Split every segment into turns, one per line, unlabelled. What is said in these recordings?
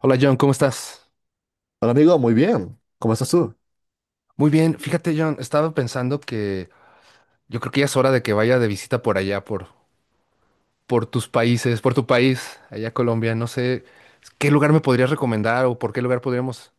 Hola John, ¿cómo estás?
Hola amigo, muy bien. ¿Cómo estás tú?
Muy bien, fíjate John, estaba pensando que yo creo que ya es hora de que vaya de visita por allá, por tus países, por tu país, allá a Colombia. No sé qué lugar me podrías recomendar o por qué lugar podríamos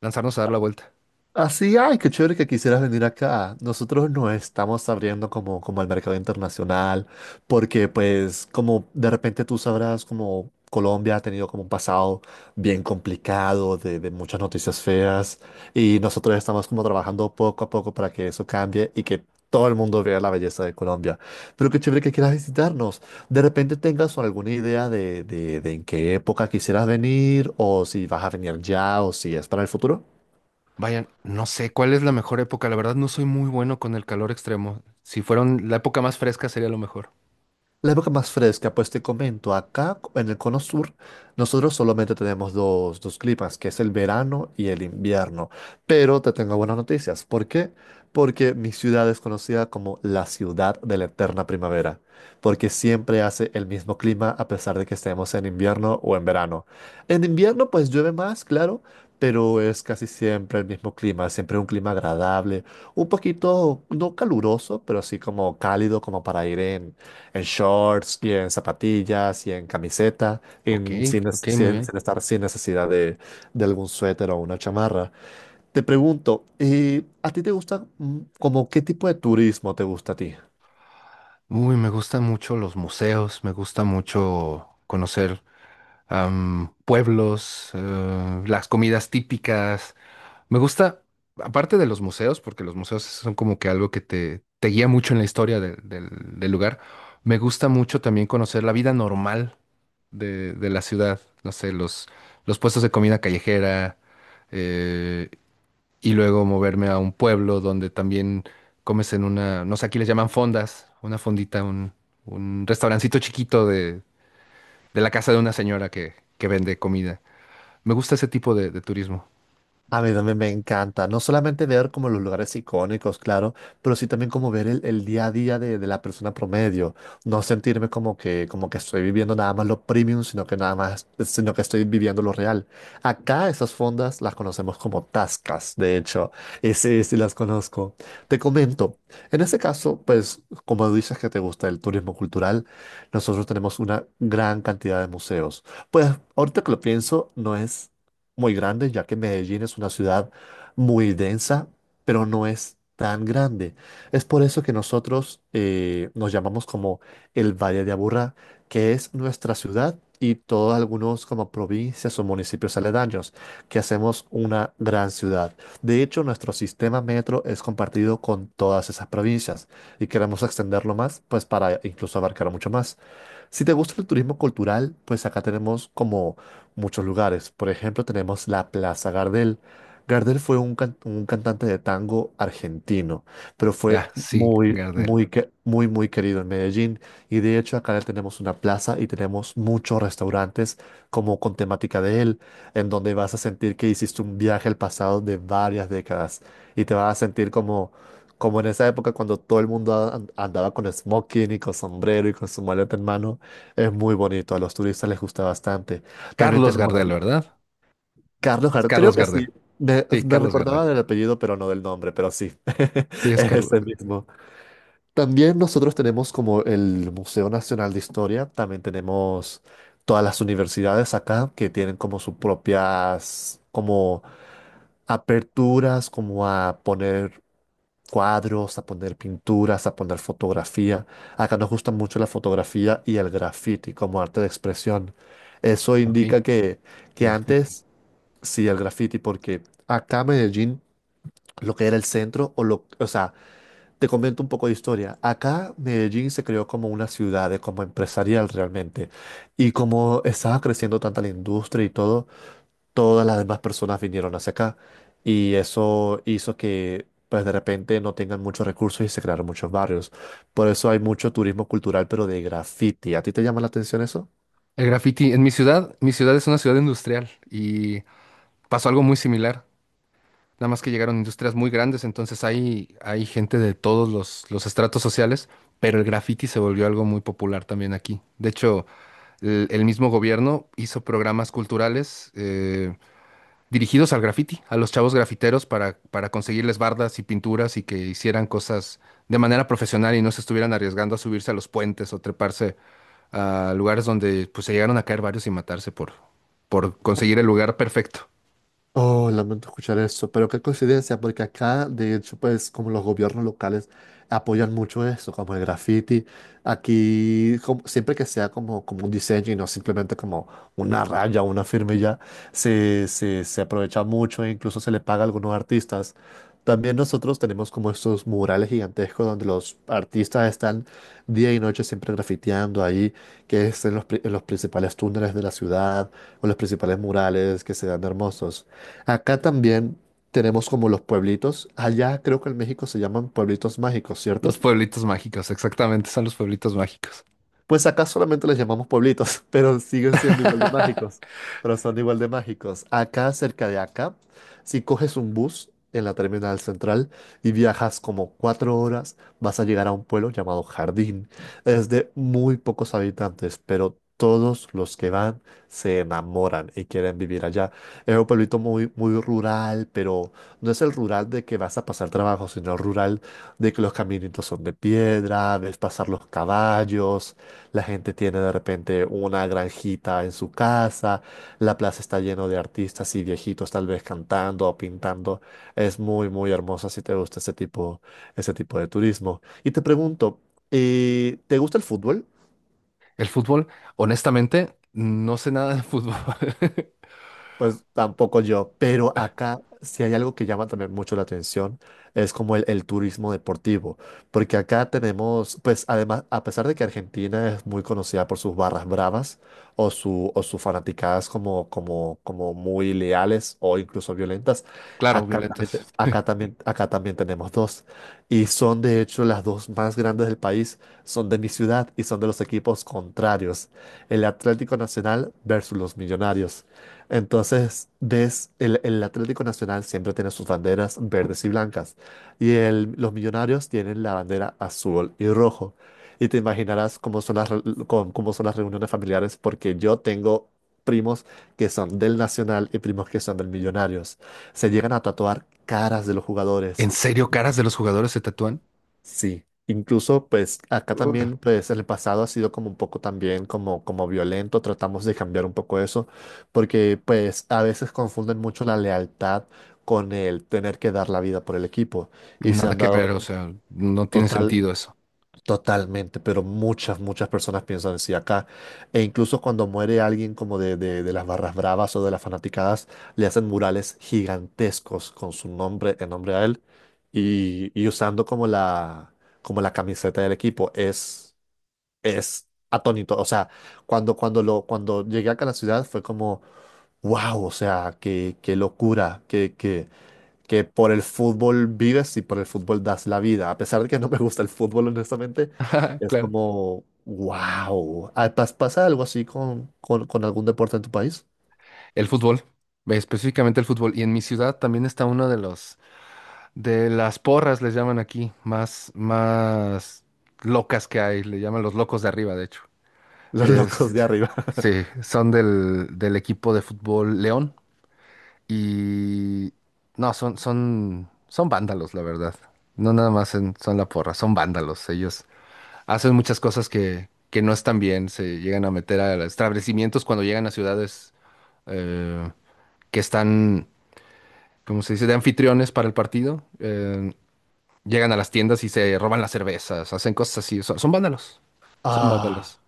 lanzarnos a dar la vuelta.
Así, ay, qué chévere que quisieras venir acá. Nosotros nos estamos abriendo como al mercado internacional, porque pues como de repente tú sabrás, como Colombia ha tenido como un pasado bien complicado de muchas noticias feas, y nosotros estamos como trabajando poco a poco para que eso cambie y que todo el mundo vea la belleza de Colombia. Pero qué chévere que quieras visitarnos. De repente tengas alguna idea de en qué época quisieras venir, o si vas a venir ya, o si es para el futuro.
Vayan, no sé cuál es la mejor época. La verdad no soy muy bueno con el calor extremo. Si fueron la época más fresca sería lo mejor.
La época más fresca, pues te comento, acá en el cono sur, nosotros solamente tenemos dos climas, que es el verano y el invierno. Pero te tengo buenas noticias. ¿Por qué? Porque mi ciudad es conocida como la ciudad de la eterna primavera, porque siempre hace el mismo clima a pesar de que estemos en invierno o en verano. En invierno, pues llueve más, claro, pero es casi siempre el mismo clima, siempre un clima agradable, un poquito, no caluroso, pero sí como cálido, como para ir en shorts y en zapatillas y en camiseta,
Ok,
en- sin, nes-
ok, muy
sin-
bien.
sin estar sin necesidad de algún suéter o una chamarra. Te pregunto, ¿a ti te gusta como qué tipo de turismo te gusta a ti?
Uy, me gustan mucho los museos, me gusta mucho conocer pueblos, las comidas típicas. Me gusta, aparte de los museos, porque los museos son como que algo que te guía mucho en la historia del lugar, me gusta mucho también conocer la vida normal de la ciudad, no sé, los puestos de comida callejera, eh, y luego moverme a un pueblo donde también comes en una, no sé, aquí les llaman fondas, una fondita, un restaurancito chiquito de la casa de una señora que vende comida. Me gusta ese tipo de turismo.
A mí también me encanta, no solamente ver como los lugares icónicos, claro, pero sí también como ver el día a día de la persona promedio, no sentirme como que estoy viviendo nada más lo premium, sino que nada más, sino que estoy viviendo lo real. Acá esas fondas las conocemos como tascas, de hecho, y sí, sí las conozco. Te comento, en este caso, pues como dices que te gusta el turismo cultural, nosotros tenemos una gran cantidad de museos. Pues ahorita que lo pienso, no es muy grande, ya que Medellín es una ciudad muy densa, pero no es tan grande. Es por eso que nosotros nos llamamos como el Valle de Aburrá, que es nuestra ciudad y todos algunos como provincias o municipios aledaños, que hacemos una gran ciudad. De hecho, nuestro sistema metro es compartido con todas esas provincias y queremos extenderlo más, pues para incluso abarcar mucho más. Si te gusta el turismo cultural, pues acá tenemos como muchos lugares. Por ejemplo, tenemos la Plaza Gardel. Gardel fue un cantante de tango argentino, pero fue
Ah, sí,
muy,
Gardel.
muy, que- muy, muy querido en Medellín. Y de hecho, acá le tenemos una plaza y tenemos muchos restaurantes como con temática de él, en donde vas a sentir que hiciste un viaje al pasado de varias décadas y te vas a sentir como en esa época cuando todo el mundo andaba con smoking y con sombrero y con su maleta en mano, es muy bonito, a los turistas les gusta bastante. También
Carlos
tenemos
Gardel, ¿verdad?
Carlos
Es
Jardel, creo
Carlos
que
Gardel.
sí. Me,
Sí,
me
Carlos Gardel.
recordaba del apellido, pero no del nombre, pero sí,
Sí, es
es
Carlos.
ese mismo. También nosotros tenemos como el Museo Nacional de Historia, también tenemos todas las universidades acá que tienen como sus propias como aperturas, como a poner cuadros, a poner pinturas, a poner fotografía. Acá nos gusta mucho la fotografía y el graffiti como arte de expresión. Eso
Ok,
indica que
graffiti.
antes. Sí, el graffiti, porque acá en Medellín, lo que era el centro, o sea, te comento un poco de historia. Acá Medellín se creó como una ciudad, como empresarial realmente. Y como estaba creciendo tanta la industria y todo, todas las demás personas vinieron hacia acá. Y eso hizo que, pues de repente, no tengan muchos recursos y se crearon muchos barrios. Por eso hay mucho turismo cultural, pero de graffiti. ¿A ti te llama la atención eso?
El graffiti en mi ciudad es una ciudad industrial y pasó algo muy similar. Nada más que llegaron industrias muy grandes, entonces hay gente de todos los estratos sociales, pero el graffiti se volvió algo muy popular también aquí. De hecho, el mismo gobierno hizo programas culturales, dirigidos al graffiti, a los chavos grafiteros para conseguirles bardas y pinturas y que hicieran cosas de manera profesional y no se estuvieran arriesgando a subirse a los puentes o treparse a lugares donde pues se llegaron a caer varios y matarse por conseguir el lugar perfecto.
Oh, lamento escuchar eso, pero qué coincidencia, porque acá, de hecho, pues como los gobiernos locales apoyan mucho eso, como el graffiti, aquí siempre que sea como un diseño y no simplemente como una raya o una firma y ya se aprovecha mucho e incluso se le paga a algunos artistas. También nosotros tenemos como estos murales gigantescos donde los artistas están día y noche siempre grafiteando ahí, que es en los principales túneles de la ciudad o los principales murales que se dan hermosos. Acá también tenemos como los pueblitos. Allá creo que en México se llaman pueblitos mágicos, ¿cierto?
Los pueblitos mágicos, exactamente, son los pueblitos mágicos.
Pues acá solamente les llamamos pueblitos, pero siguen siendo igual de mágicos. Pero son igual de mágicos. Acá, cerca de acá, si coges un bus en la terminal central y viajas como 4 horas, vas a llegar a un pueblo llamado Jardín. Es de muy pocos habitantes, pero todos los que van se enamoran y quieren vivir allá. Es un pueblito muy, muy rural, pero no es el rural de que vas a pasar trabajo, sino el rural de que los caminitos son de piedra, ves pasar los caballos la gente tiene de repente una granjita en su casa, la plaza está lleno de artistas y viejitos tal vez cantando o pintando. Es muy, muy hermosa si te gusta ese tipo de turismo. Y te pregunto, ¿te gusta el fútbol?
El fútbol, honestamente, no sé nada de fútbol.
Pues tampoco yo, pero acá si hay algo que llama también mucho la atención, es como el turismo deportivo, porque acá tenemos, pues además, a pesar de que Argentina es muy conocida por sus barras bravas o sus fanaticadas como muy leales o incluso violentas.
Claro,
acá también,
violentas.
te- acá también, acá también tenemos dos, y son de hecho las dos más grandes del país, son de mi ciudad y son de los equipos contrarios, el Atlético Nacional versus los Millonarios. Entonces, el Atlético Nacional siempre tiene sus banderas verdes y blancas y los millonarios tienen la bandera azul y rojo. Y te imaginarás cómo son las, re- cómo cómo son las reuniones familiares porque yo tengo primos que son del Nacional y primos que son del Millonarios. Se llegan a tatuar caras de los jugadores.
¿En serio caras de los jugadores se tatúan?
Sí, incluso pues acá
Uh.
también pues en el pasado ha sido como un poco también como violento, tratamos de cambiar un poco eso, porque pues a veces confunden mucho la lealtad con el tener que dar la vida por el equipo y se
Nada
han
que
dado
ver, o sea, no tiene
total,
sentido eso.
Totalmente, pero muchas, muchas personas piensan así acá. E incluso cuando muere alguien como de las barras bravas o de las fanaticadas, le hacen murales gigantescos con su nombre en nombre a él y usando como como la camiseta del equipo. Es atónito. O sea, cuando llegué acá a la ciudad fue como, wow, o sea, qué locura, qué qué que por el fútbol vives y por el fútbol das la vida. A pesar de que no me gusta el fútbol, honestamente, es
Claro.
como, wow. ¿Pasa algo así con algún deporte en tu país?
El fútbol, específicamente el fútbol. Y en mi ciudad también está una de de las porras, les llaman aquí, más, más locas que hay, le llaman los locos de arriba, de hecho.
Los
Es,
locos de arriba.
sí, son del equipo de fútbol León. Y no, son vándalos, la verdad. No nada más en- son la porra, son vándalos. Ellos hacen muchas cosas que no están bien, se llegan a meter a establecimientos cuando llegan a ciudades. Eh, que están, ¿cómo se dice?, de anfitriones para el partido. Llegan a las tiendas y se roban las cervezas, hacen cosas así. Son, son vándalos. Son
Ah.
vándalos.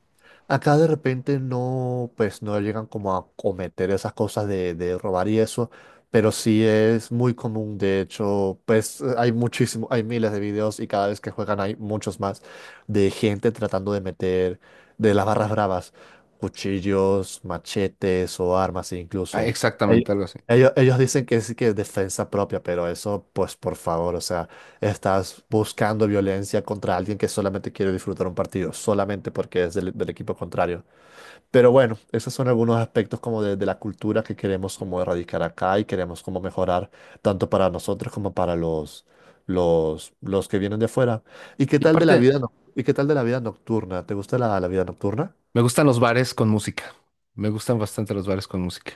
Acá de repente no, pues no llegan como a cometer esas cosas de robar y eso, pero sí es muy común. De hecho, pues hay muchísimo, hay miles de videos y cada vez que juegan hay muchos más de gente tratando de meter de las barras bravas, cuchillos, machetes o armas
Ah,
incluso. Ell-
exactamente, algo así.
ellos dicen que sí que es defensa propia, pero eso, pues por favor, o sea. Estás buscando violencia contra alguien que solamente quiere disfrutar un partido, solamente porque es del equipo contrario. Pero bueno, esos son algunos aspectos como de la cultura que queremos como erradicar acá y queremos como mejorar tanto para nosotros como para los que vienen de afuera. ¿Y qué
Y
tal de la
aparte,
vida, noc- y qué tal de la vida nocturna? ¿Te gusta la vida nocturna?
me gustan los bares con música. Me gustan bastante los bares con música.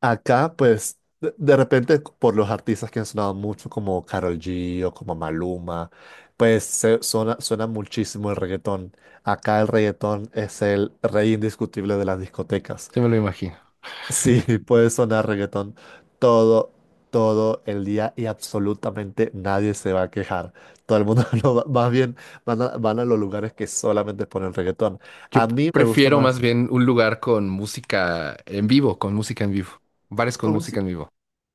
Acá, pues, de repente, por los artistas que han sonado mucho, como Karol G o como Maluma, pues suena muchísimo el reggaetón. Acá el reggaetón es el rey indiscutible de las discotecas.
Se me lo imagino.
Sí, puede sonar reggaetón todo, todo el día y absolutamente nadie se va a quejar. Todo el mundo más bien van a los lugares que solamente ponen reggaetón.
Yo
A mí me gusta
prefiero
más.
más bien un lugar con música en vivo, con música en vivo. Bares con música en vivo.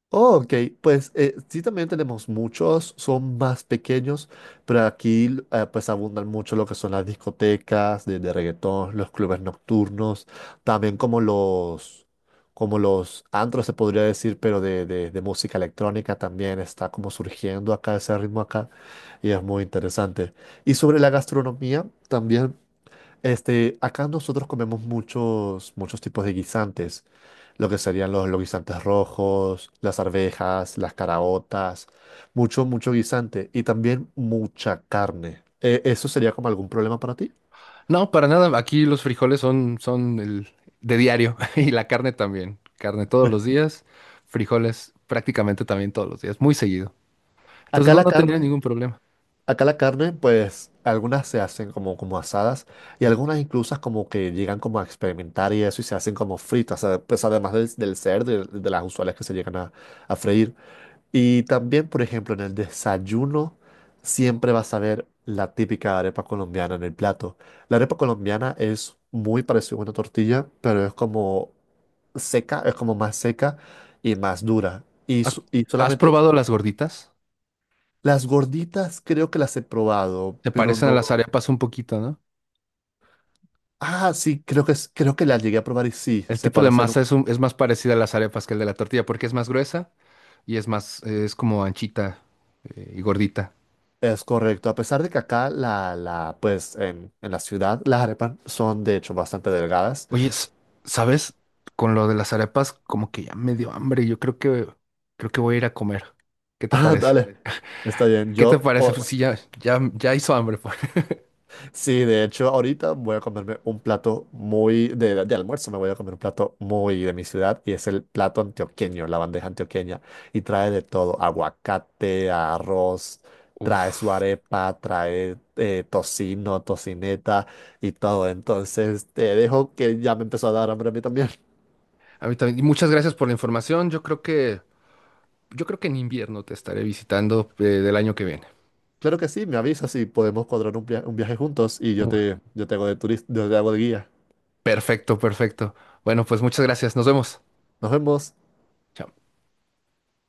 Oh, ok, pues sí también tenemos muchos, son más pequeños, pero aquí pues abundan mucho lo que son las discotecas de reggaetón, los clubes nocturnos, también como como los antros se podría decir, pero de música electrónica también está como surgiendo acá ese ritmo acá y es muy interesante. Y sobre la gastronomía también, acá nosotros comemos muchos, muchos tipos de guisantes lo que serían los guisantes rojos, las arvejas, las caraotas, mucho, mucho guisante y también mucha carne. ¿Eso sería como algún problema para ti?
No, para nada. Aquí los frijoles son el de diario y la carne también. Carne todos los días, frijoles prácticamente también todos los días, muy seguido. Entonces
Acá
no,
la No,
no tendría ningún problema.
acá la carne, pues algunas se hacen como asadas y algunas incluso como que llegan como a experimentar y eso y se hacen como fritas, pues además del cerdo, y de las usuales que se llegan a freír. Y también, por ejemplo, en el desayuno siempre vas a ver la típica arepa colombiana en el plato. La arepa colombiana es muy parecida a una tortilla, pero es como seca, es como más seca y más dura. Y,
¿Has,
so- y
¿has
solamente
probado las gorditas?
las gorditas creo que las he probado,
Se
pero
parecen a
no.
las arepas un poquito, ¿no?
Ah, sí, creo que las llegué a probar y sí,
El
se
tipo de
parecen.
masa es, un- es más parecida a las arepas que el de la tortilla porque es más gruesa y es más, es como anchita y gordita.
Es correcto. A pesar de que acá, pues en, la ciudad, las arepas son de hecho bastante delgadas.
Oye, s- ¿sabes? Con lo de las arepas, como que ya me dio hambre. Yo creo que voy a ir a comer. ¿Qué te
Ah,
parece?
dale. Vale. Está bien.
¿Qué te parece? Pues
Bueno,
sí, ya hizo hambre. Pues.
sí, de hecho, ahorita voy a comerme un plato muy de almuerzo. Me voy a comer un plato muy de mi ciudad y es el plato antioqueño, la bandeja antioqueña. Y trae de todo: aguacate, arroz, trae su
Uf.
arepa, trae tocino, tocineta y todo. Entonces, te dejo que ya me empezó a dar hambre a mí también.
A mí también. Y muchas gracias por la información. Yo creo que en invierno te estaré visitando del año que viene.
Claro que sí, me avisas y podemos cuadrar un viaje juntos y yo
Mu-
te, yo te hago de turista, yo te hago de guía.
Perfecto, perfecto. Bueno, pues muchas gracias. Nos vemos.
Nos vemos.
Chao.